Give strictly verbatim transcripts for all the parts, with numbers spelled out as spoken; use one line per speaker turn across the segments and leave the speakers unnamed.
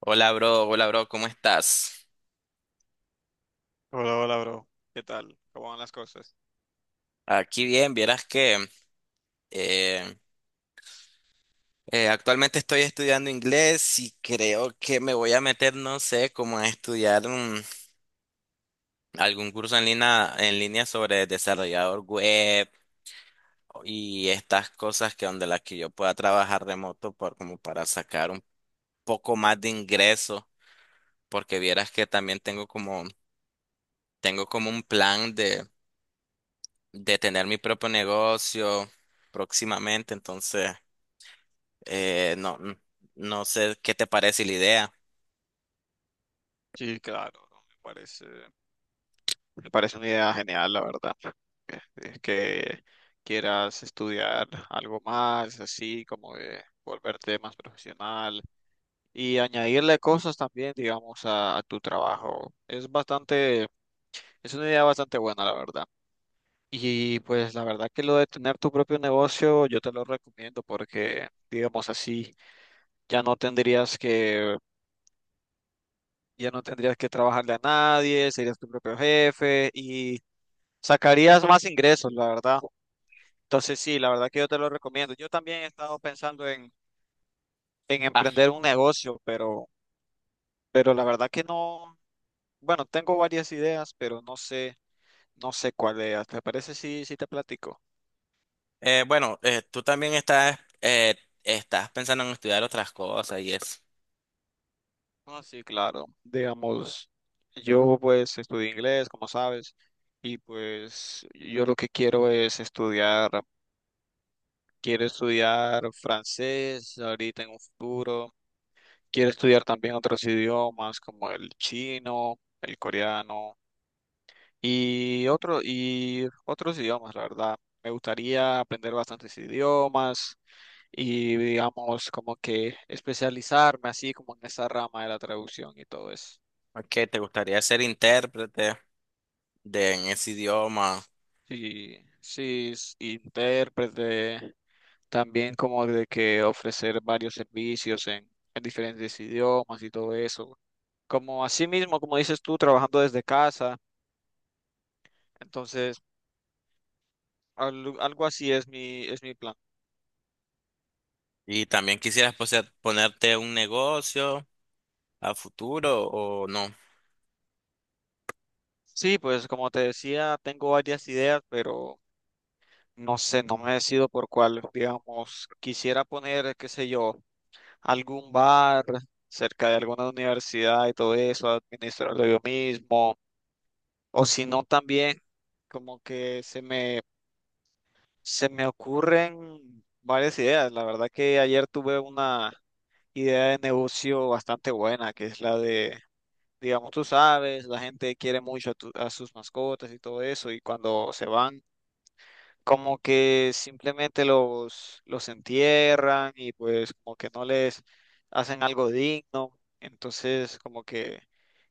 Hola, bro. Hola, bro. ¿Cómo estás?
Hola, hola, bro. ¿Qué tal? ¿Cómo van las cosas?
Aquí bien. Vieras que eh, eh, actualmente estoy estudiando inglés y creo que me voy a meter, no sé, como a estudiar un- algún curso en línea, en línea sobre desarrollador web y estas cosas que donde las que yo pueda trabajar remoto por, como para sacar un poco más de ingreso, porque vieras que también tengo como, tengo como un plan de, de tener mi propio negocio próximamente, entonces. Eh, no, n- no sé qué te parece la idea.
Sí, claro, bro, Me parece, me parece una idea genial, la verdad. Eh, Es que quieras estudiar algo más, así como de volverte más profesional y añadirle cosas también, digamos, a, a tu trabajo. Es bastante, es una idea bastante buena, la verdad. Y pues la verdad que lo de tener tu propio negocio, yo te lo recomiendo porque, digamos así, ya no tendrías que ya no tendrías que trabajarle a nadie, serías tu propio jefe y sacarías más ingresos, la verdad. Entonces sí, la verdad que yo te lo recomiendo. Yo también he estado pensando en, en
Ah,
emprender un negocio, pero, pero la verdad que no, bueno, tengo varias ideas, pero no sé, no sé cuál es. ¿Te parece si, si te platico?
eh, bueno, eh, Tú también estás, eh, estás pensando en estudiar otras cosas y es
Ah, sí, claro. Digamos, yo pues estudio inglés, como sabes, y pues yo lo que quiero es estudiar. Quiero estudiar francés ahorita en un futuro. Quiero estudiar también otros idiomas como el chino, el coreano y otro, y otros idiomas, la verdad. Me gustaría aprender bastantes idiomas y digamos como que especializarme así como en esa rama de la traducción y todo eso.
que te gustaría ser intérprete de en ese idioma,
Sí, sí, s- intérprete, también como de que ofrecer varios servicios en en diferentes idiomas y todo eso. Como así mismo, como dices tú, trabajando desde casa. Entonces, al- algo así es mi, es mi plan.
y también quisieras poseer- ponerte un negocio a futuro o no.
Sí, pues como te decía, tengo varias ideas, pero no sé, no me decido por cuál. Digamos, quisiera poner, qué sé yo, algún bar cerca de alguna universidad y todo eso, administrarlo yo mismo. O si no, también como que se me, se me ocurren varias ideas. La verdad que ayer tuve una idea de negocio bastante buena, que es la de, digamos, tú sabes, la gente quiere mucho a, tu- a sus mascotas y todo eso, y cuando se van, como que simplemente los, los entierran y pues como que no les hacen algo digno. Entonces, como que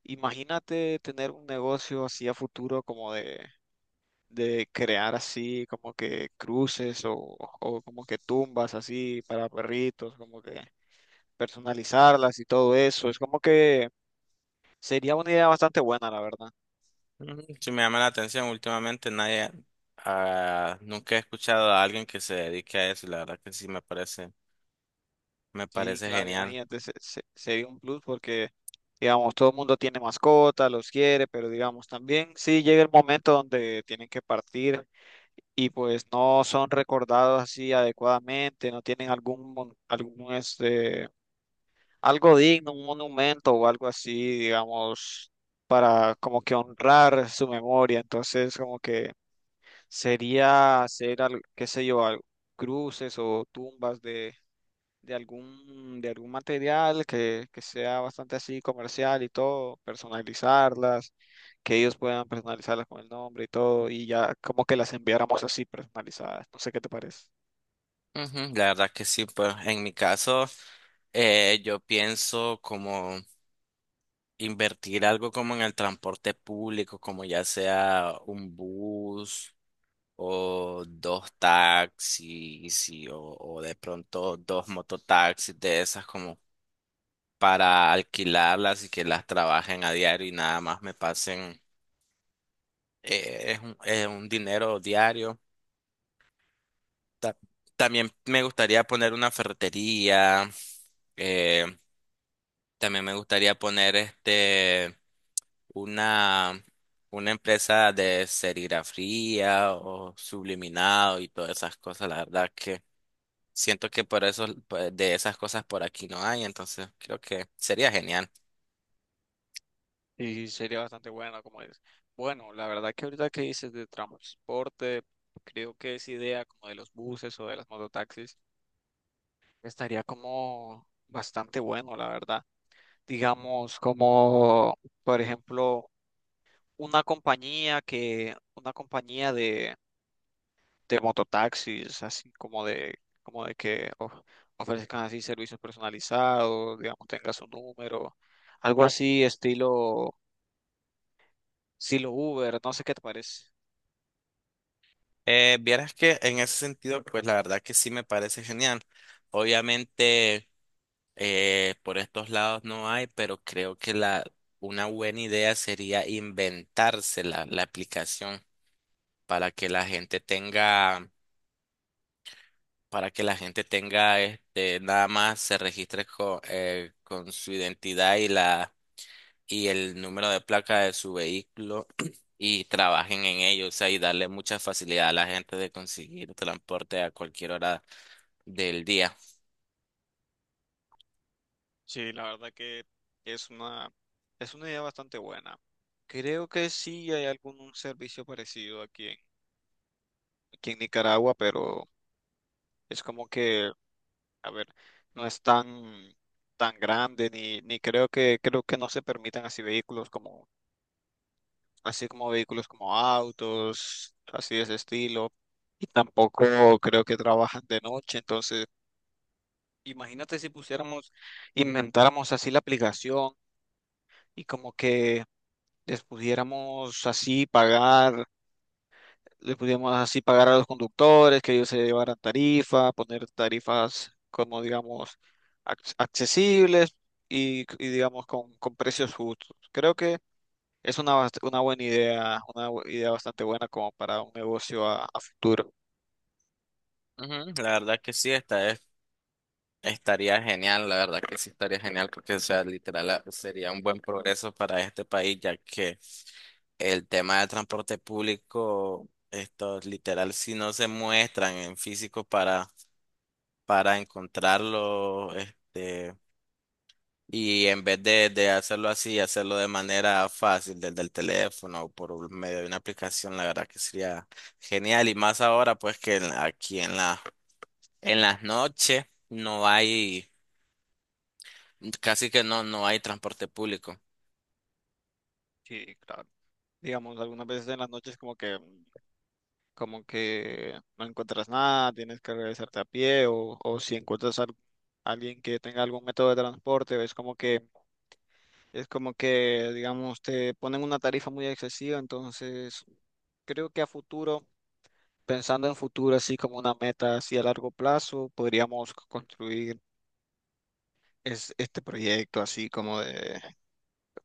imagínate tener un negocio así a futuro como de... de crear así como que cruces o, o como que tumbas así para perritos, como que personalizarlas y todo eso. Es como que sería una idea bastante buena, la verdad.
Mm, sí me llama la atención. Últimamente nadie, ah, nunca he escuchado a alguien que se dedique a eso, y la verdad que sí me parece, me
Y
parece
claro,
genial.
imagínate, se- se- sería un plus porque, digamos, todo el mundo tiene mascotas, los quiere, pero digamos, también sí llega el momento donde tienen que partir y pues no son recordados así adecuadamente, no tienen algún, mon- algún este, algo digno, un monumento o algo así, digamos, para como que honrar su memoria. Entonces, como que sería hacer, al- qué sé yo, al- cruces o tumbas de, de algún, de algún material que, que sea bastante así comercial y todo, personalizarlas, que ellos puedan personalizarlas con el nombre y todo, y ya como que las enviáramos así personalizadas. No sé qué te parece.
Ujú, la verdad que sí. Pues en mi caso eh, yo pienso como invertir algo como en el transporte público, como ya sea un bus o dos taxis y- o, o de pronto dos mototaxis de esas como para alquilarlas y que las trabajen a diario y nada más me pasen, eh, es un, es un dinero diario. Ta- También me gustaría poner una ferretería. eh, También me gustaría poner este una, una empresa de serigrafía o subliminado y todas esas cosas. La verdad que siento que por eso pues, de esas cosas por aquí no hay, entonces creo que sería genial.
Y sería bastante bueno, como es. Bueno, la verdad que ahorita que dices de transporte, creo que esa idea como de los buses o de las mototaxis estaría como bastante bueno, la verdad. Digamos, como por ejemplo una compañía que, una compañía de, de mototaxis, así como de, como de que of- ofrezcan así servicios personalizados, digamos, tenga su número, algo así estilo, estilo Uber, no sé qué te parece.
Eh, vieras que en ese sentido, pues la verdad que sí me parece genial. Obviamente eh, por estos lados no hay, pero creo que la una buena idea sería inventarse la la aplicación para que la gente tenga, para que la gente tenga este, nada más se registre con, eh, con su identidad y la y el número de placa de su vehículo y trabajen en ello, o sea, y darle mucha facilidad a la gente de conseguir transporte a cualquier hora del día.
Sí, la verdad que es una, es una idea bastante buena. Creo que sí hay algún un servicio parecido aquí en, aquí en Nicaragua, pero es como que, a ver, no es tan, tan grande, ni, ni creo que, creo que no se permitan así vehículos como, así como vehículos como autos, así de ese estilo. Y tampoco creo que trabajan de noche. Entonces, imagínate si pusiéramos, inventáramos así la aplicación y como que les pudiéramos así pagar le podíamos así pagar a los conductores, que ellos se llevaran tarifas, poner tarifas como digamos ac- accesibles y, y, digamos con, con precios justos. Creo que es una, bast- una buena idea, una bu- idea bastante buena como para un negocio a, a futuro.
Ujú, la verdad que sí. está Estaría genial, la verdad que sí estaría genial porque, o sea, literal ah, sería un buen progreso para este país, ya que el tema del transporte público, estos literal, si no se muestran en físico para, para encontrarlo, este, y en vez de, de hacerlo así, hacerlo de manera fácil, desde el teléfono o por un- medio de una aplicación, la verdad que sería genial. Y más ahora, pues que en- aquí en la, en las noches no hay. Casi que no, no hay transporte público.
Sí, claro. Digamos, algunas veces en las noches como que, como que no encuentras nada, tienes que regresarte a pie o, o si encuentras a alguien que tenga algún método de transporte, es como que, es como que, digamos, te ponen una tarifa muy excesiva, entonces creo que a futuro, pensando en futuro, así como una meta así a largo plazo, podríamos c- construir es- este proyecto así como de,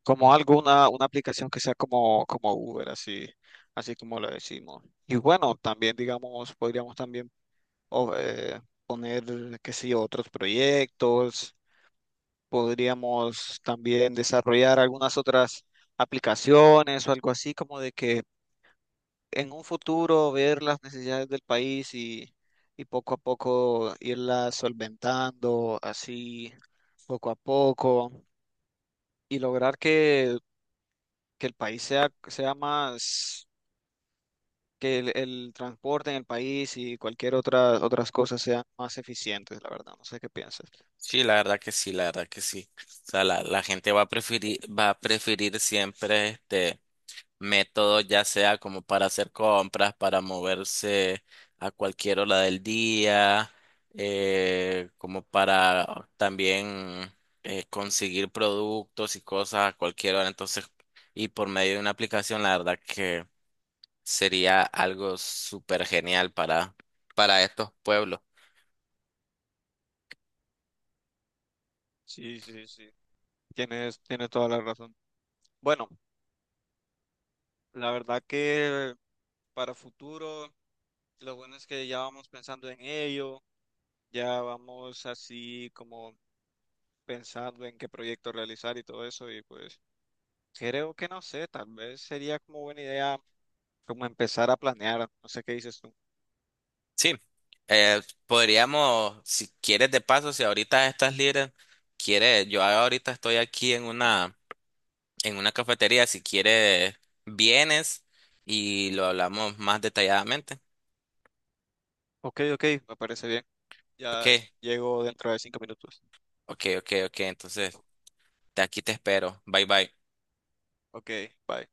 como algo, una, una aplicación que sea como, como Uber, así, así como lo decimos. Y bueno, también, digamos, podríamos también o- eh, poner, qué sé yo, otros proyectos. Podríamos también desarrollar algunas otras aplicaciones o algo así, como de que en un futuro ver las necesidades del país y, y poco a poco irlas solventando, así poco a poco, y lograr que, que el país sea, sea más, que el, el transporte en el país y cualquier otra, otras cosas sean más eficientes, la verdad, no sé qué piensas.
Sí, la verdad que sí, la verdad que sí. O sea, la, la gente va a preferir, va a preferir siempre este método, ya sea como para hacer compras, para moverse a cualquier hora del día, eh, como para también eh, conseguir productos y cosas a cualquier hora. Entonces, y por medio de una aplicación, la verdad que sería algo súper genial para, para estos pueblos.
Sí, sí, sí. Tienes, tienes toda la razón. Bueno, la verdad que para futuro. Lo bueno es que ya vamos pensando en ello, ya vamos así como pensando en qué proyecto realizar y todo eso. Y pues creo que no sé, tal vez sería como buena idea como empezar a planear. No sé qué dices tú.
Sí, eh, podríamos, si quieres de paso, si ahorita estás libre, quieres, yo ahorita estoy aquí en una, en una cafetería, si quieres, vienes y lo hablamos más detalladamente.
Ok, ok, me parece bien.
Ok,
Ya llego dentro de cinco minutos.
ok, ok, ok, entonces de aquí te espero. Bye, bye.
Ok, bye.